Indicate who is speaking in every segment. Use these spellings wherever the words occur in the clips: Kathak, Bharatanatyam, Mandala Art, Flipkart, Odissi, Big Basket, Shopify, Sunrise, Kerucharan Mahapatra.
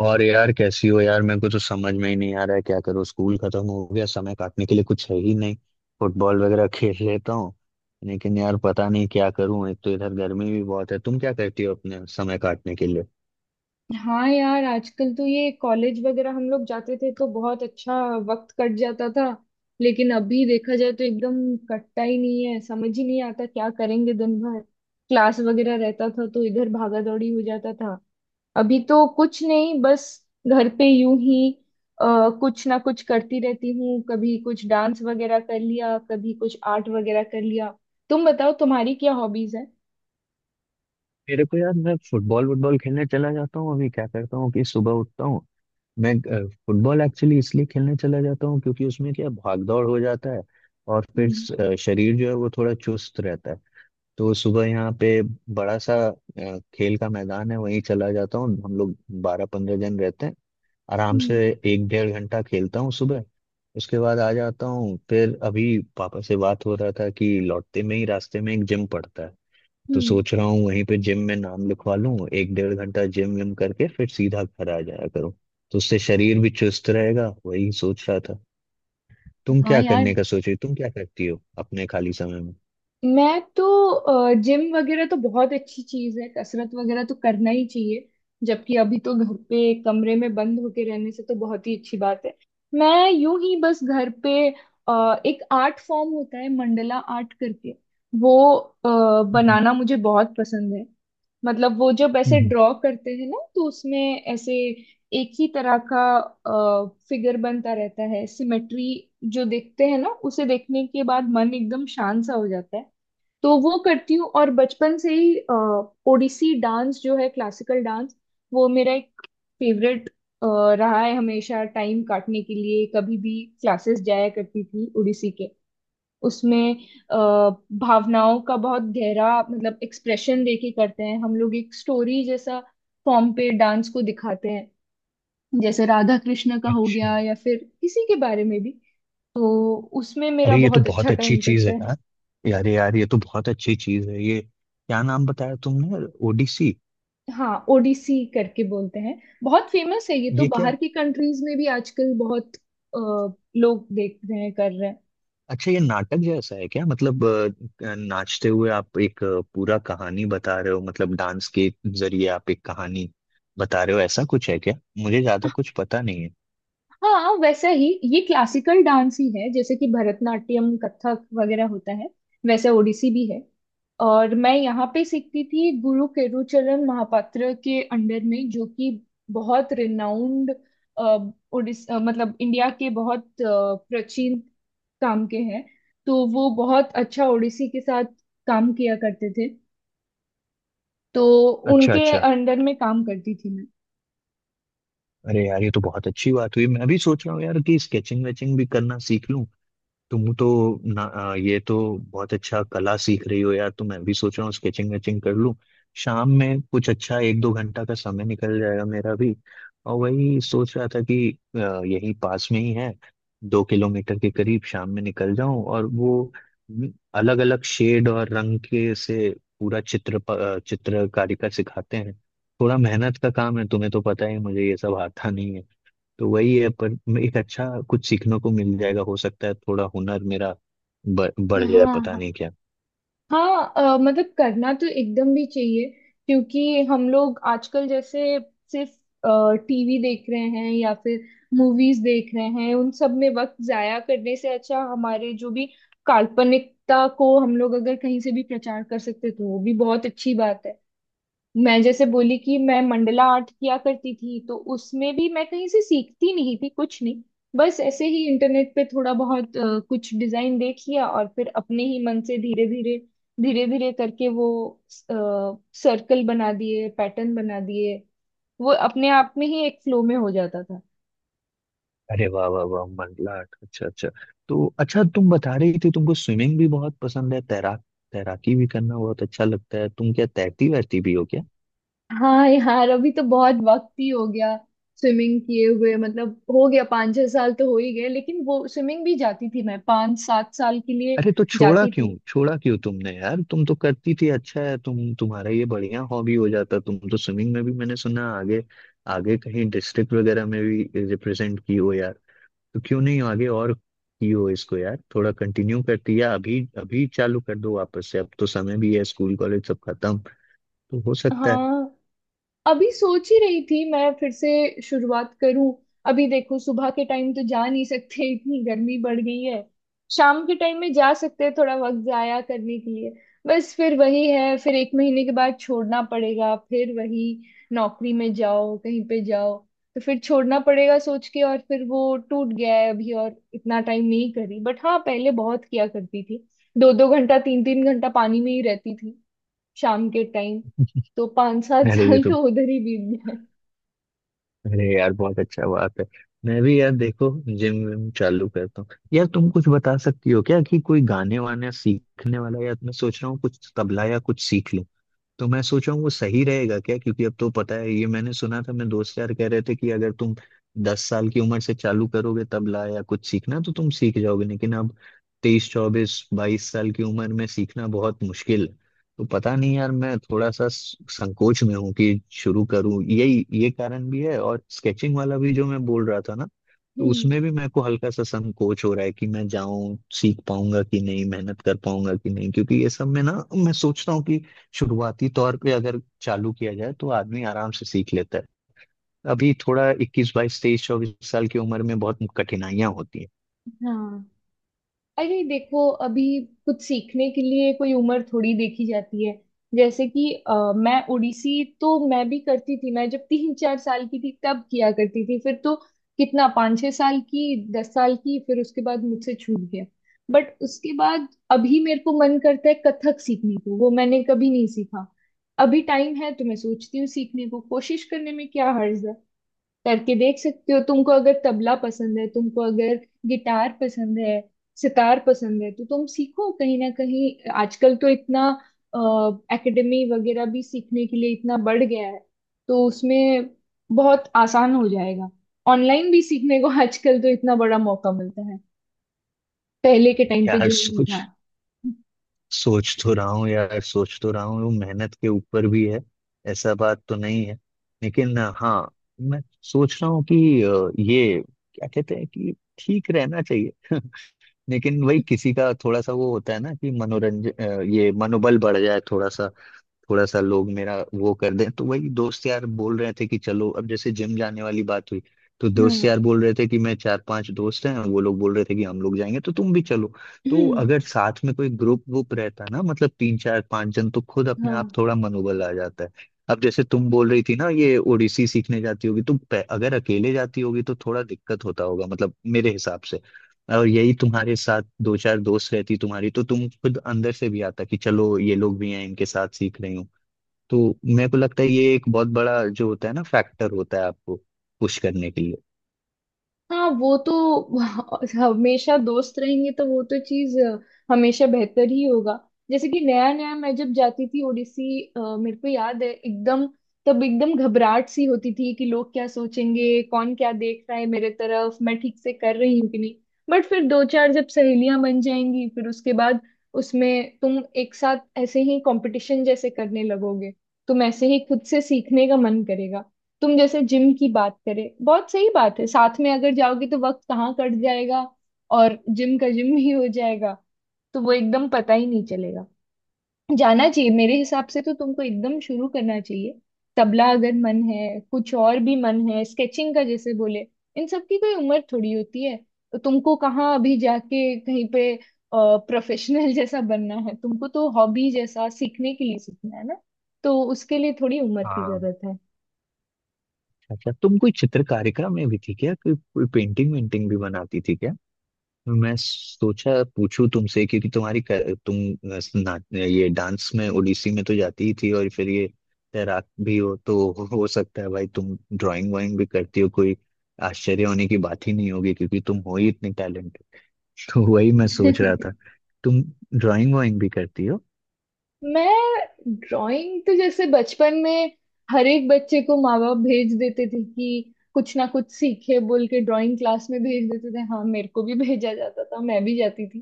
Speaker 1: और यार, कैसी हो यार? मेरे को तो समझ में ही नहीं आ रहा है क्या करूँ। स्कूल खत्म हो गया, समय काटने के लिए कुछ है ही नहीं। फुटबॉल वगैरह खेल लेता हूँ। लेकिन यार पता नहीं क्या करूँ, एक तो इधर गर्मी भी बहुत है। तुम क्या करती हो अपने समय काटने के लिए?
Speaker 2: हाँ यार, आजकल तो ये कॉलेज वगैरह हम लोग जाते थे तो बहुत अच्छा वक्त कट जाता था। लेकिन अभी देखा जाए तो एकदम कटता ही नहीं है, समझ ही नहीं आता क्या करेंगे दिन भर। क्लास वगैरह रहता था तो इधर भागा दौड़ी हो जाता था। अभी तो कुछ नहीं, बस घर पे यूं ही कुछ ना कुछ करती रहती हूँ, कभी कुछ डांस वगैरह कर लिया, कभी कुछ आर्ट वगैरह कर लिया। तुम बताओ तुम्हारी क्या हॉबीज है।
Speaker 1: मेरे को यार, मैं फुटबॉल वुटबॉल खेलने चला जाता हूँ। अभी क्या करता हूँ कि सुबह उठता हूँ, मैं फुटबॉल एक्चुअली इसलिए खेलने चला जाता हूँ क्योंकि उसमें क्या भाग दौड़ हो जाता है। और फिर
Speaker 2: हम्म।
Speaker 1: शरीर जो है वो थोड़ा चुस्त रहता है। तो सुबह यहाँ पे बड़ा सा खेल का मैदान है, वहीं चला जाता हूँ। हम लोग 12 15 जन रहते हैं आराम से।
Speaker 2: हम्म।
Speaker 1: एक डेढ़ घंटा खेलता हूँ सुबह। उसके बाद आ जाता हूँ। फिर अभी पापा से बात हो रहा था कि लौटते में ही रास्ते में एक जिम पड़ता है, तो
Speaker 2: हम्म।
Speaker 1: सोच रहा हूँ वहीं पे जिम में नाम लिखवा लूँ। एक डेढ़ घंटा जिम विम करके फिर सीधा घर आ जाया करूँ, तो उससे शरीर भी चुस्त रहेगा, वही सोच रहा था। तुम
Speaker 2: हाँ
Speaker 1: क्या
Speaker 2: यार,
Speaker 1: करने का सोच रही, तुम क्या करती हो अपने खाली समय में?
Speaker 2: मैं तो जिम वगैरह तो बहुत अच्छी चीज है, कसरत वगैरह तो करना ही चाहिए। जबकि अभी तो घर पे कमरे में बंद होके रहने से तो बहुत ही अच्छी बात है। मैं यूं ही बस घर पे एक आर्ट फॉर्म होता है मंडला आर्ट करके, वो
Speaker 1: हम्म।
Speaker 2: बनाना मुझे बहुत पसंद है। मतलब वो जब ऐसे
Speaker 1: हम्म।
Speaker 2: ड्रॉ करते हैं ना तो उसमें ऐसे एक ही तरह का फिगर बनता रहता है, सिमेट्री जो देखते हैं ना, उसे देखने के बाद मन एकदम शांत सा हो जाता है। तो वो करती हूँ। और बचपन से ही ओडिसी डांस जो है, क्लासिकल डांस, वो मेरा एक फेवरेट रहा है हमेशा। टाइम काटने के लिए कभी भी क्लासेस जाया करती थी ओडिसी के। उसमें अ, भावनाओं का बहुत गहरा मतलब एक्सप्रेशन देके करते हैं हम लोग, एक स्टोरी जैसा फॉर्म पे डांस को दिखाते हैं। जैसे राधा कृष्ण का हो
Speaker 1: अच्छा।
Speaker 2: गया या फिर किसी के बारे में भी। तो उसमें मेरा
Speaker 1: अरे ये तो
Speaker 2: बहुत अच्छा
Speaker 1: बहुत अच्छी
Speaker 2: टाइम
Speaker 1: चीज
Speaker 2: कटता
Speaker 1: है
Speaker 2: है।
Speaker 1: यार। यार यार ये तो बहुत अच्छी चीज है, ये क्या नाम बताया तुमने? ओडिसी?
Speaker 2: हाँ, ओडिसी करके बोलते हैं। बहुत फेमस है ये तो,
Speaker 1: ये क्या,
Speaker 2: बाहर की कंट्रीज में भी आजकल बहुत लोग देख रहे हैं, कर रहे हैं।
Speaker 1: अच्छा ये नाटक जैसा है क्या? मतलब नाचते हुए आप एक पूरा कहानी बता रहे हो, मतलब डांस के जरिए आप एक कहानी बता रहे हो, ऐसा कुछ है क्या? मुझे ज्यादा कुछ पता नहीं है।
Speaker 2: हाँ वैसा ही। ये क्लासिकल डांस ही है, जैसे कि भरतनाट्यम, कथक वगैरह होता है, वैसे ओडिसी भी है। और मैं यहाँ पे सीखती थी गुरु केरुचरण महापात्र के अंडर में, जो कि बहुत रिनाउंड ओडिस मतलब इंडिया के बहुत प्राचीन काम के हैं। तो वो बहुत अच्छा ओडिसी के साथ काम किया करते थे। तो
Speaker 1: अच्छा
Speaker 2: उनके
Speaker 1: अच्छा।
Speaker 2: अंडर में काम करती थी मैं।
Speaker 1: अरे यार ये तो बहुत अच्छी बात हुई। मैं भी सोच रहा हूँ यार कि स्केचिंग वेचिंग भी करना सीख लूं। तुम तो ये तो बहुत अच्छा कला सीख रही हो यार, तो मैं भी सोच रहा हूँ स्केचिंग वेचिंग कर लूँ। शाम में कुछ अच्छा एक दो घंटा का समय निकल जाएगा मेरा भी। और वही सोच रहा था कि यही पास में ही है, 2 किलोमीटर के करीब, शाम में निकल जाऊं। और वो अलग अलग शेड और रंग के से पूरा चित्रकारी का सिखाते हैं। थोड़ा मेहनत का काम है, तुम्हें तो पता ही है, मुझे ये सब आता नहीं है। तो वही है, पर एक अच्छा कुछ सीखने को मिल जाएगा। हो सकता है थोड़ा हुनर मेरा बढ़ जाए, पता
Speaker 2: हाँ
Speaker 1: नहीं क्या।
Speaker 2: हाँ, मतलब करना तो एकदम भी चाहिए। क्योंकि हम लोग आजकल जैसे सिर्फ टीवी देख रहे हैं या फिर मूवीज देख रहे हैं, उन सब में वक्त जाया करने से अच्छा हमारे जो भी काल्पनिकता को हम लोग अगर कहीं से भी प्रचार कर सकते तो वो भी बहुत अच्छी बात है। मैं जैसे बोली कि मैं मंडला आर्ट किया करती थी तो उसमें भी मैं कहीं से सीखती नहीं थी कुछ नहीं, बस ऐसे ही इंटरनेट पे थोड़ा बहुत कुछ डिजाइन देख लिया और फिर अपने ही मन से धीरे धीरे धीरे धीरे करके वो सर्कल बना दिए, पैटर्न बना दिए। वो अपने आप में ही एक फ्लो में हो जाता था।
Speaker 1: अरे वाह वाह वाह, मंडलाट, अच्छा अच्छा। तो अच्छा, तुम बता रही थी तुमको स्विमिंग भी बहुत पसंद है, तैराक, तैराकी भी करना बहुत अच्छा लगता है। तुम क्या तैरती वैरती भी हो क्या?
Speaker 2: हाँ यार, अभी तो बहुत वक्त ही हो गया स्विमिंग किए हुए। मतलब हो गया 5-6 साल तो हो ही गए। लेकिन वो स्विमिंग भी जाती थी मैं 5-7 साल के लिए
Speaker 1: अरे तो छोड़ा
Speaker 2: जाती
Speaker 1: क्यों,
Speaker 2: थी।
Speaker 1: छोड़ा क्यों तुमने यार? तुम तो करती थी, अच्छा है तुम, तुम्हारा ये बढ़िया हॉबी हो जाता। तुम तो स्विमिंग में भी, मैंने सुना, आगे आगे कहीं डिस्ट्रिक्ट वगैरह में भी रिप्रेजेंट की हो यार। तो क्यों नहीं आगे और कियो इसको, यार थोड़ा कंटिन्यू करती है। अभी अभी चालू कर दो वापस से, अब तो समय भी है, स्कूल कॉलेज सब खत्म, तो हो सकता है।
Speaker 2: हाँ, अभी सोच ही रही थी मैं फिर से शुरुआत करूं। अभी देखो सुबह के टाइम तो जा नहीं सकते, इतनी गर्मी बढ़ गई है। शाम के टाइम में जा सकते हैं, थोड़ा वक्त जाया करने के लिए। बस फिर वही है, फिर एक महीने के बाद छोड़ना पड़ेगा, फिर वही नौकरी में जाओ, कहीं पे जाओ, तो फिर छोड़ना पड़ेगा सोच के। और फिर वो टूट गया है अभी, और इतना टाइम नहीं करी, बट हाँ पहले बहुत किया करती थी, दो दो घंटा, तीन तीन घंटा पानी में ही रहती थी शाम के टाइम। तो पांच सात
Speaker 1: अरे ये
Speaker 2: साल
Speaker 1: तो,
Speaker 2: तो उधर ही बीत गए।
Speaker 1: अरे यार बहुत अच्छा बात है। मैं भी यार देखो जिम विम चालू करता हूँ। यार तुम कुछ बता सकती हो क्या कि कोई गाने वाने सीखने वाला, या मैं सोच रहा हूँ कुछ तबला या कुछ सीख, तो मैं सोच रहा हूँ वो सही रहेगा क्या? क्योंकि अब तो पता है, ये मैंने सुना था, मैं दोस्त यार कह रहे थे कि अगर तुम 10 साल की उम्र से चालू करोगे तबला या कुछ सीखना, तो तुम सीख जाओगे। लेकिन अब 23 24 22 साल की उम्र में सीखना बहुत मुश्किल है। तो पता नहीं यार, मैं थोड़ा सा संकोच में हूँ कि शुरू करूँ, यही ये कारण भी है। और स्केचिंग वाला भी जो मैं बोल रहा था ना, तो
Speaker 2: हम्म।
Speaker 1: उसमें भी मेरे को हल्का सा संकोच हो रहा है कि मैं जाऊं, सीख पाऊंगा कि नहीं, मेहनत कर पाऊंगा कि नहीं, क्योंकि ये सब में ना, मैं सोचता हूँ शुरुआती तौर पे अगर चालू किया जाए तो आदमी आराम से सीख लेता है। अभी थोड़ा 21 22 23 24 साल की उम्र में बहुत कठिनाइयां होती हैं।
Speaker 2: हाँ, अरे देखो, अभी कुछ सीखने के लिए कोई उम्र थोड़ी देखी जाती है। जैसे कि मैं ओडिसी तो मैं भी करती थी, मैं जब 3-4 साल की थी तब किया करती थी, फिर तो कितना 5-6 साल की, 10 साल की, फिर उसके बाद मुझसे छूट गया। बट उसके बाद अभी मेरे को मन करता है कथक सीखने को, वो मैंने कभी नहीं सीखा। अभी टाइम है तो मैं सोचती हूँ सीखने को, कोशिश करने में क्या हर्ज है। करके देख सकते हो। तुमको अगर तबला पसंद है, तुमको अगर गिटार पसंद है, सितार पसंद है तो तुम सीखो। कहीं ना कहीं आजकल तो इतना एकेडमी वगैरह भी सीखने के लिए इतना बढ़ गया है, तो उसमें बहुत आसान हो जाएगा। ऑनलाइन भी सीखने को आजकल तो इतना बड़ा मौका मिलता है, पहले के टाइम पे
Speaker 1: यार
Speaker 2: जो नहीं
Speaker 1: सोच
Speaker 2: था।
Speaker 1: सोच तो रहा हूँ यार, सोच तो रहा हूँ, वो मेहनत के ऊपर भी है, ऐसा बात तो नहीं है। लेकिन हाँ, मैं सोच रहा हूँ कि ये क्या कहते हैं कि ठीक रहना चाहिए। लेकिन वही, किसी का थोड़ा सा वो होता है ना कि मनोरंजन, ये मनोबल बढ़ जाए थोड़ा सा। थोड़ा सा लोग मेरा वो कर दें, तो वही दोस्त यार बोल रहे थे कि चलो, अब जैसे जिम जाने वाली बात हुई, तो दोस्त
Speaker 2: हाँ।
Speaker 1: यार बोल रहे थे कि मैं चार पांच दोस्त हैं, वो लोग बोल रहे थे कि हम लोग जाएंगे तो तुम भी चलो। तो अगर साथ में कोई ग्रुप ग्रुप रहता ना, मतलब तीन चार पांच जन, तो खुद अपने
Speaker 2: हाँ
Speaker 1: आप थोड़ा मनोबल आ जाता है। अब जैसे तुम बोल रही थी ना, ये ओडिसी सीखने जाती होगी, तो अगर अकेले जाती होगी तो थोड़ा दिक्कत होता होगा, मतलब मेरे हिसाब से। और यही तुम्हारे साथ दो चार दोस्त रहती तुम्हारी, तो तुम खुद अंदर से भी आता कि चलो ये लोग भी हैं, इनके साथ सीख रही हूँ। तो मेरे को लगता है ये एक बहुत बड़ा जो होता है ना, फैक्टर होता है आपको पुश करने के लिए।
Speaker 2: हाँ, वो तो हमेशा दोस्त रहेंगे तो वो तो चीज हमेशा बेहतर ही होगा। जैसे कि नया नया मैं जब जाती थी ओडिसी, मेरे को याद है एकदम, तब एकदम घबराहट सी होती थी कि लोग क्या सोचेंगे, कौन क्या देख रहा है मेरे तरफ, मैं ठीक से कर रही हूँ कि नहीं। बट फिर दो चार जब सहेलियां बन जाएंगी फिर उसके बाद उसमें तुम एक साथ ऐसे ही कंपटीशन जैसे करने लगोगे, तुम ऐसे ही खुद से सीखने का मन करेगा। तुम जैसे जिम की बात करें, बहुत सही बात है, साथ में अगर जाओगे तो वक्त कहाँ कट जाएगा और जिम का जिम ही हो जाएगा, तो वो एकदम पता ही नहीं चलेगा। जाना चाहिए मेरे हिसाब से तो, तुमको एकदम शुरू करना चाहिए। तबला अगर मन है, कुछ और भी मन है, स्केचिंग का जैसे बोले, इन सब की कोई उम्र थोड़ी होती है। तो तुमको कहाँ अभी जाके कहीं पे प्रोफेशनल जैसा बनना है, तुमको तो हॉबी जैसा सीखने के लिए सीखना है ना, तो उसके लिए थोड़ी उम्र की
Speaker 1: हाँ।
Speaker 2: जरूरत
Speaker 1: अच्छा तुम कोई चित्रकारिता में भी थी क्या? कोई कोई पेंटिंग वेंटिंग भी बनाती थी क्या? मैं सोचा पूछूं तुमसे क्योंकि तुम्हारी तुम ये डांस में, ओडिसी में तो जाती ही थी, और फिर ये तैराक भी हो, तो हो सकता है भाई तुम ड्राइंग वाइंग भी करती हो। कोई आश्चर्य होने की बात ही नहीं होगी क्योंकि तुम हो ही इतनी टैलेंटेड। तो वही मैं
Speaker 2: है।
Speaker 1: सोच रहा था, तुम ड्राइंग वाइंग भी करती हो?
Speaker 2: मैं ड्राइंग तो जैसे बचपन में हर एक बच्चे को माँ बाप भेज देते थे कि कुछ ना कुछ सीखे बोल के ड्राइंग क्लास में भेज देते थे। हाँ, मेरे को भी भेजा जाता था, मैं भी जाती थी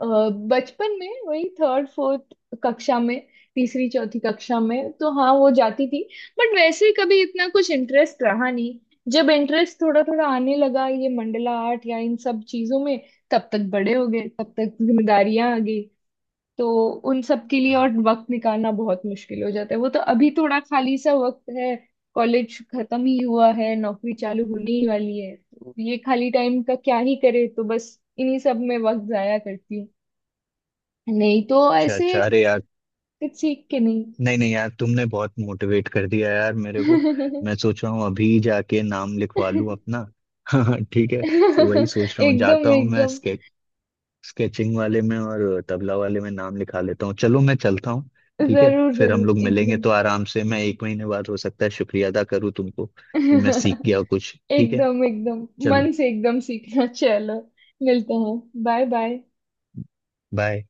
Speaker 2: अ, बचपन में, वही थर्ड फोर्थ कक्षा में, तीसरी चौथी कक्षा में तो हाँ वो जाती थी। बट वैसे कभी इतना कुछ इंटरेस्ट रहा नहीं। जब इंटरेस्ट थोड़ा थोड़ा आने लगा ये मंडला आर्ट या इन सब चीजों में, तब तक बड़े हो गए, तब तक जिम्मेदारियां आ गई। तो उन सब के लिए और वक्त निकालना बहुत मुश्किल हो जाता है। वो तो अभी थोड़ा खाली सा वक्त है, कॉलेज खत्म ही हुआ है, नौकरी चालू होने ही वाली है, तो ये खाली टाइम का क्या ही करे, तो बस इन्हीं सब में वक्त जाया करती हूँ, नहीं तो
Speaker 1: अच्छा
Speaker 2: ऐसे
Speaker 1: अच्छा। अरे यार,
Speaker 2: कुछ सीख के नहीं।
Speaker 1: नहीं नहीं यार तुमने बहुत मोटिवेट कर दिया यार मेरे को। मैं सोच रहा हूँ अभी जाके नाम लिखवा लूँ अपना। ठीक है, तो वही सोच रहा हूँ,
Speaker 2: एकदम
Speaker 1: जाता हूँ मैं
Speaker 2: एकदम।
Speaker 1: स्केचिंग वाले में और तबला वाले में नाम लिखा लेता हूँ। चलो मैं चलता हूँ, ठीक है,
Speaker 2: जरूर
Speaker 1: फिर हम
Speaker 2: जरूर,
Speaker 1: लोग मिलेंगे।
Speaker 2: एकदम।
Speaker 1: तो आराम से मैं एक महीने बाद हो सकता है शुक्रिया अदा करूँ तुमको कि मैं सीख गया
Speaker 2: एकदम
Speaker 1: कुछ। ठीक है,
Speaker 2: एकदम,
Speaker 1: चलो,
Speaker 2: मन से एकदम सीखना। चलो, मिलते हैं। Bye bye.
Speaker 1: बाय।